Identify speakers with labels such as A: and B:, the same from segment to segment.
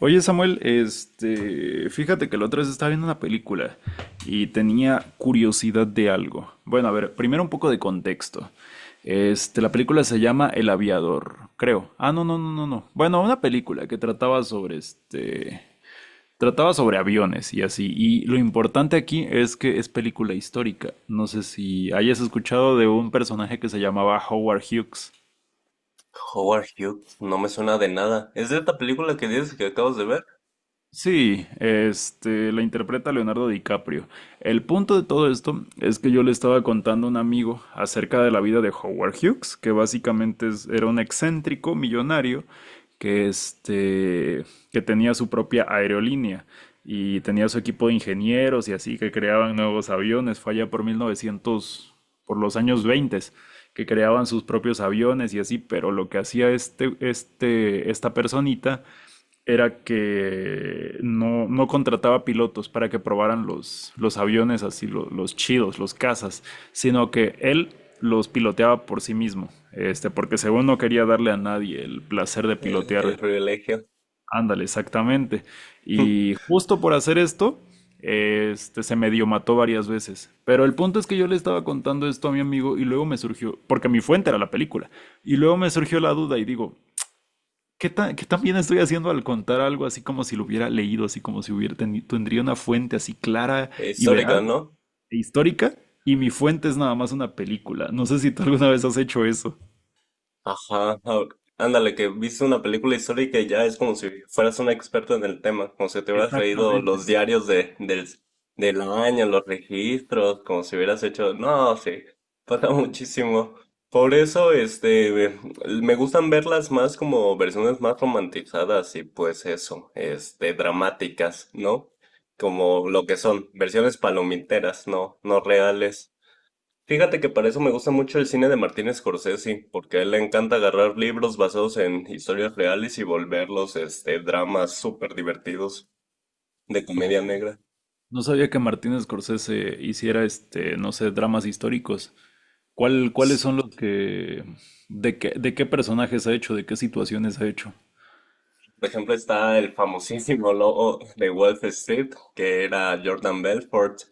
A: Oye Samuel, fíjate que la otra vez estaba viendo una película y tenía curiosidad de algo. Bueno, a ver, primero un poco de contexto. La película se llama El Aviador, creo. Ah, no. Bueno, una película que trataba sobre trataba sobre aviones y así. Y lo importante aquí es que es película histórica. No sé si hayas escuchado de un personaje que se llamaba Howard Hughes.
B: Howard Hughes, no me suena de nada. ¿Es de esta película que dices que acabas de ver?
A: Sí, la interpreta Leonardo DiCaprio. El punto de todo esto es que yo le estaba contando a un amigo acerca de la vida de Howard Hughes, que básicamente era un excéntrico millonario que, que tenía su propia aerolínea y tenía su equipo de ingenieros y así, que creaban nuevos aviones. Fue allá por 1900, por los años 20, que creaban sus propios aviones y así, pero lo que hacía esta personita era que no contrataba pilotos para que probaran los aviones así, chidos, los cazas, sino que él los piloteaba por sí mismo, porque según no quería darle a nadie el placer de
B: El
A: pilotear.
B: privilegio.
A: Ándale, exactamente. Y justo por hacer esto, se medio mató varias veces. Pero el punto es que yo le estaba contando esto a mi amigo y luego me surgió, porque mi fuente era la película, y luego me surgió la duda y digo, ¿qué tan, qué tan bien estoy haciendo al contar algo así como si lo hubiera leído, así como si tendría una fuente así clara y
B: Histórica,
A: veraz
B: ¿no?
A: e histórica? Y mi fuente es nada más una película. No sé si tú alguna vez has hecho eso.
B: Ajá, ajá. Ándale, que viste una película histórica y ya es como si fueras un experto en el tema, como si te hubieras leído
A: Exactamente.
B: los diarios del año, los registros, como si hubieras hecho. No, sí, pasa muchísimo. Por eso, me gustan verlas más como versiones más romantizadas y pues eso, dramáticas, ¿no? Como lo que son, versiones palomiteras, no, no reales. Fíjate que para eso me gusta mucho el cine de Martin Scorsese, porque a él le encanta agarrar libros basados en historias reales y volverlos, dramas súper divertidos de
A: Oh,
B: comedia negra.
A: no sabía que Martín Scorsese hiciera no sé, dramas históricos. Cuáles son los que, de de qué personajes ha hecho, de qué situaciones ha hecho?
B: Por ejemplo, está el famosísimo logo de Wall Street, que era Jordan Belfort.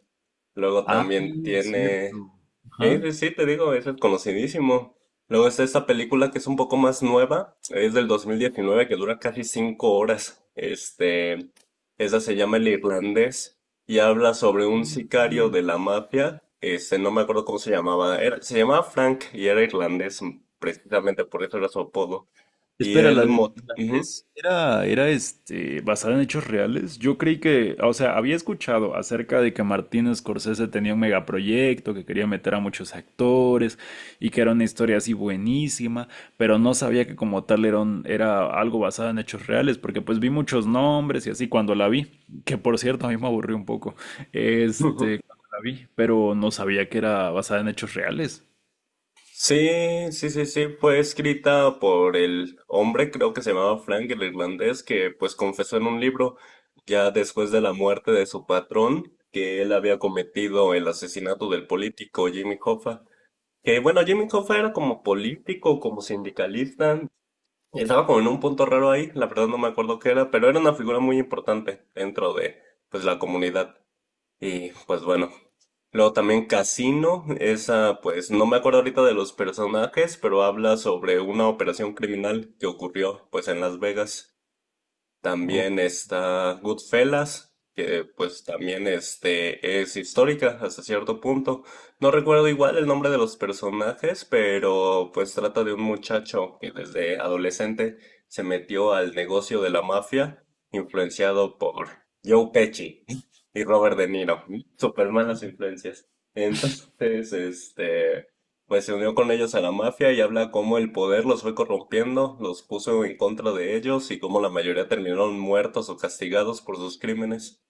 B: Luego
A: Ah,
B: también
A: es
B: tiene.
A: cierto.
B: Sí,
A: Ajá.
B: sí, sí, te digo, ese es conocidísimo. Luego está esta película que es un poco más nueva, es del 2019, que dura casi 5 horas. Esa se llama El Irlandés y habla sobre un sicario de la mafia. No me acuerdo cómo se llamaba. Se llamaba Frank y era irlandés, precisamente por eso era su apodo.
A: Espera, la de
B: Ujú.
A: era basada en hechos reales. Yo creí que, o sea, había escuchado acerca de que Martin Scorsese tenía un megaproyecto, que quería meter a muchos actores y que era una historia así buenísima, pero no sabía que como tal era algo basado en hechos reales, porque pues vi muchos nombres y así cuando la vi, que por cierto a mí me aburrió un poco, cuando la vi, pero no sabía que era basada en hechos reales.
B: Sí, sí, sí, sí, fue escrita por el hombre, creo que se llamaba Frank, el irlandés, que pues confesó en un libro, ya después de la muerte de su patrón, que él había cometido el asesinato del político Jimmy Hoffa. Que bueno, Jimmy Hoffa era como político, como sindicalista, estaba como en un punto raro ahí, la verdad no me acuerdo qué era, pero era una figura muy importante dentro de pues la comunidad. Y pues bueno. Luego también Casino, esa pues no me acuerdo ahorita de los personajes, pero habla sobre una operación criminal que ocurrió pues en Las Vegas.
A: Oh.
B: También está Goodfellas, que pues también es histórica hasta cierto punto. No recuerdo igual el nombre de los personajes, pero pues trata de un muchacho que desde adolescente se metió al negocio de la mafia, influenciado por Joe Pesci y Robert De Niro. Super malas influencias. Entonces, pues se unió con ellos a la mafia y habla cómo el poder los fue corrompiendo, los puso en contra de ellos y cómo la mayoría terminaron muertos o castigados por sus crímenes.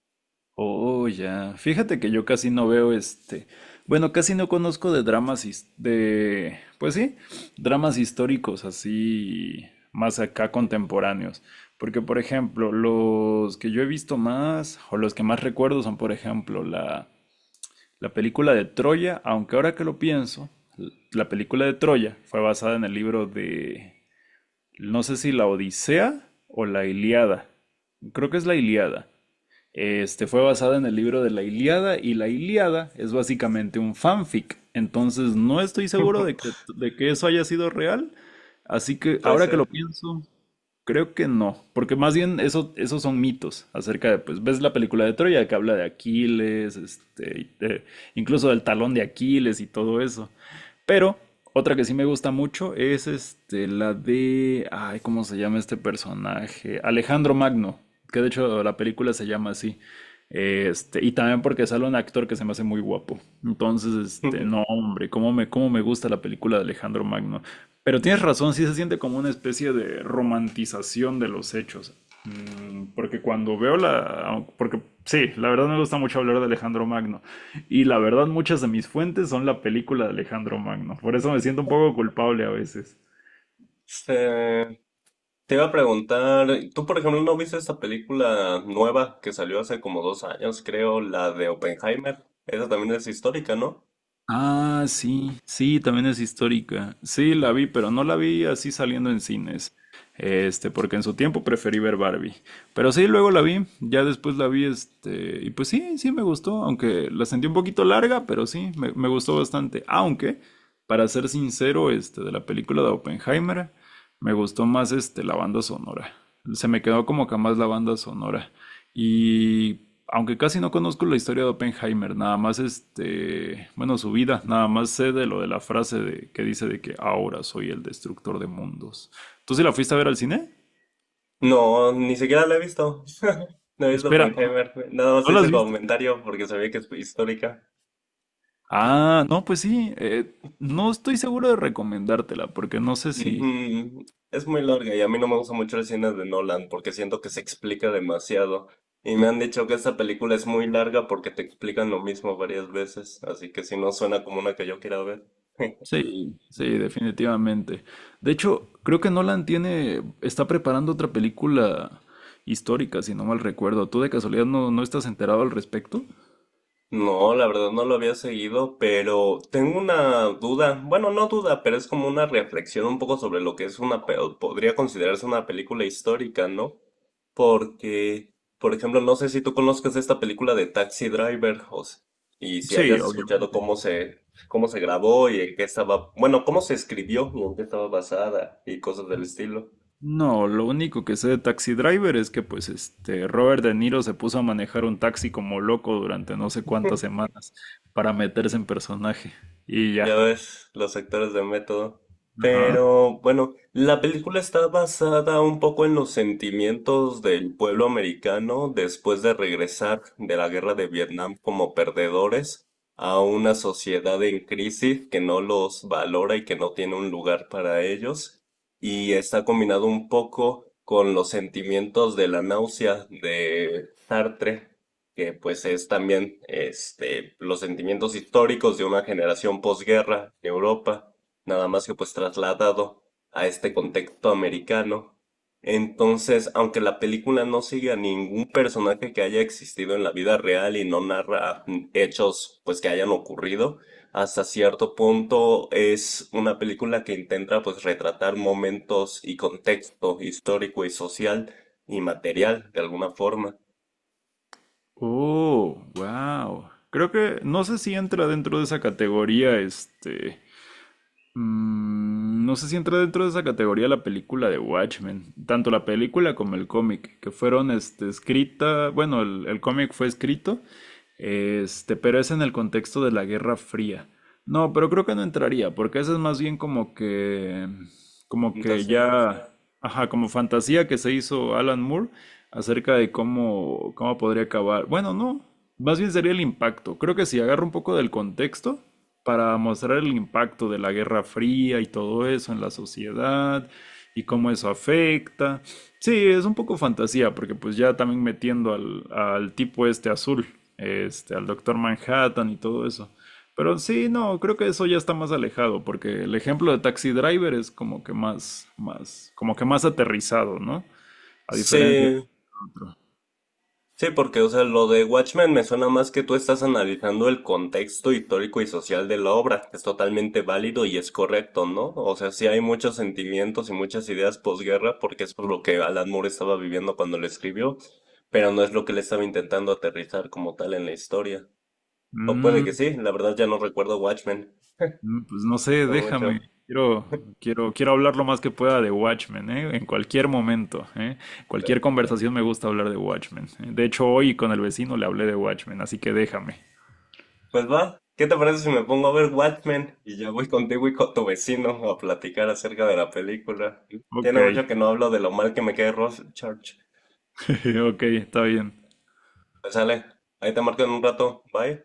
A: Oh, ya. Fíjate que yo casi no veo este. Bueno, casi no conozco de de, pues sí, dramas históricos así más acá
B: Ujú.
A: contemporáneos, porque por ejemplo, los que yo he visto más o los que más recuerdo son por ejemplo la película de Troya, aunque ahora que lo pienso, la película de Troya fue basada en el libro de no sé si la Odisea o la Ilíada. Creo que es la Ilíada. Este fue basada en el libro de la Ilíada y la Ilíada es básicamente un fanfic. Entonces no estoy seguro de de que eso haya sido real. Así que
B: Pues
A: ahora que lo
B: eh,
A: pienso, creo que no. Porque más bien eso, esos son mitos acerca de, pues ves la película de Troya que habla de Aquiles, y incluso del talón de Aquiles y todo eso. Pero otra que sí me gusta mucho es la de, ay, ¿cómo se llama este personaje? Alejandro Magno, que de hecho la película se llama así. Este, y también porque sale un actor que se me hace muy guapo. Entonces, no, hombre, cómo me gusta la película de Alejandro Magno. Pero tienes razón, sí se siente como una especie de romantización de los hechos. Porque cuando veo la... Porque sí, la verdad me gusta mucho hablar de Alejandro Magno. Y la verdad muchas de mis fuentes son la película de Alejandro Magno. Por eso me siento un poco culpable a veces.
B: este, te iba a preguntar, ¿tú por ejemplo no viste esta película nueva que salió hace como 2 años, creo, la de Oppenheimer? Esa también es histórica, ¿no?
A: Ah, sí, sí, también es histórica. Sí, la vi, pero no la vi así saliendo en cines. Este, porque en su tiempo preferí ver Barbie. Pero sí, luego la vi, ya después la vi, y pues sí, sí me gustó, aunque la sentí un poquito larga, pero sí, me gustó bastante. Aunque, para ser sincero, de la película de Oppenheimer, me gustó más, la banda sonora. Se me quedó como que más la banda sonora. Y aunque casi no conozco la historia de Oppenheimer, nada más bueno, su vida, nada más sé de lo de la frase de, que dice de que ahora soy el destructor de mundos. ¿Tú sí la fuiste a ver al cine?
B: No, ni siquiera la he visto. No he visto
A: Espera,
B: Oppenheimer. Nada más
A: no la has
B: hice
A: visto?
B: comentario porque sabía que es histórica.
A: Ah, no, pues sí, no estoy seguro de recomendártela, porque no sé si...
B: Ujú. Es muy larga y a mí no me gusta mucho el cine de Nolan porque siento que se explica demasiado. Y me han dicho que esta película es muy larga porque te explican lo mismo varias veces, así que si no suena como una que yo quiera ver.
A: Sí, sí, definitivamente. De hecho, creo que está preparando otra película histórica, si no mal recuerdo. ¿Tú de casualidad no estás enterado al respecto?
B: No, la verdad no lo había seguido, pero tengo una duda, bueno, no duda, pero es como una reflexión un poco sobre lo que es una, podría considerarse una película histórica, ¿no? Porque, por ejemplo, no sé si tú conozcas esta película de Taxi Driver y si
A: Sí,
B: hayas escuchado
A: obviamente.
B: cómo se, grabó y en qué estaba, bueno, cómo se escribió y en qué estaba basada y cosas del estilo.
A: No, lo único que sé de Taxi Driver es que pues este Robert De Niro se puso a manejar un taxi como loco durante no sé cuántas semanas para meterse en personaje y
B: Ya
A: ya.
B: ves, los actores de método.
A: Ajá.
B: Pero bueno, la película está basada un poco en los sentimientos del pueblo americano después de regresar de la guerra de Vietnam como perdedores a una sociedad en crisis que no los valora y que no tiene un lugar para ellos. Y está combinado un poco con los sentimientos de la náusea de Sartre que pues es también los sentimientos históricos de una generación posguerra en Europa, nada más que pues trasladado a este contexto americano. Entonces, aunque la película no sigue a ningún personaje que haya existido en la vida real y no narra hechos pues que hayan ocurrido, hasta cierto punto es una película que intenta pues retratar momentos y contexto histórico y social y material de alguna forma.
A: Oh, wow. Creo que no sé si entra dentro de esa categoría este. No sé si entra dentro de esa categoría la película de Watchmen, tanto la película como el cómic, que fueron el cómic fue escrito, pero es en el contexto de la Guerra Fría. No, pero creo que no entraría, porque esa es más bien como que
B: Fantasía.
A: ya, ajá, como fantasía que se hizo Alan Moore acerca de cómo, cómo podría acabar. Bueno, no. Más bien sería el impacto. Creo que si agarro un poco del contexto para mostrar el impacto de la Guerra Fría y todo eso en la sociedad y cómo eso afecta. Sí, es un poco fantasía, porque pues ya también metiendo al tipo este azul, al Doctor Manhattan y todo eso. Pero sí, no, creo que eso ya está más alejado, porque el ejemplo de Taxi Driver es como que más, como que más aterrizado, ¿no? A diferencia de
B: Sí,
A: otro.
B: sí, porque, o sea, lo de Watchmen me suena más que tú estás analizando el contexto histórico y social de la obra, que es totalmente válido y es correcto, ¿no? O sea, sí hay muchos sentimientos y muchas ideas posguerra, porque es por lo que Alan Moore estaba viviendo cuando lo escribió, pero no es lo que le estaba intentando aterrizar como tal en la historia. O puede que
A: Mm.
B: sí, la verdad ya no recuerdo Watchmen,
A: Mm, pues no sé,
B: no
A: déjame.
B: mucho.
A: Quiero, quiero hablar lo más que pueda de Watchmen, ¿eh? En cualquier momento, ¿eh? Cualquier conversación me gusta hablar de Watchmen, ¿eh? De hecho, hoy con el vecino le hablé de Watchmen, así que déjame.
B: Pues va, ¿qué te parece si me pongo a ver Watchmen y ya voy contigo y con tu vecino a platicar acerca de la película?
A: Ok,
B: Tiene mucho que no hablo de lo mal que me cae Rorschach.
A: ok, está bien.
B: Pues sale, ahí te marco en un rato, bye.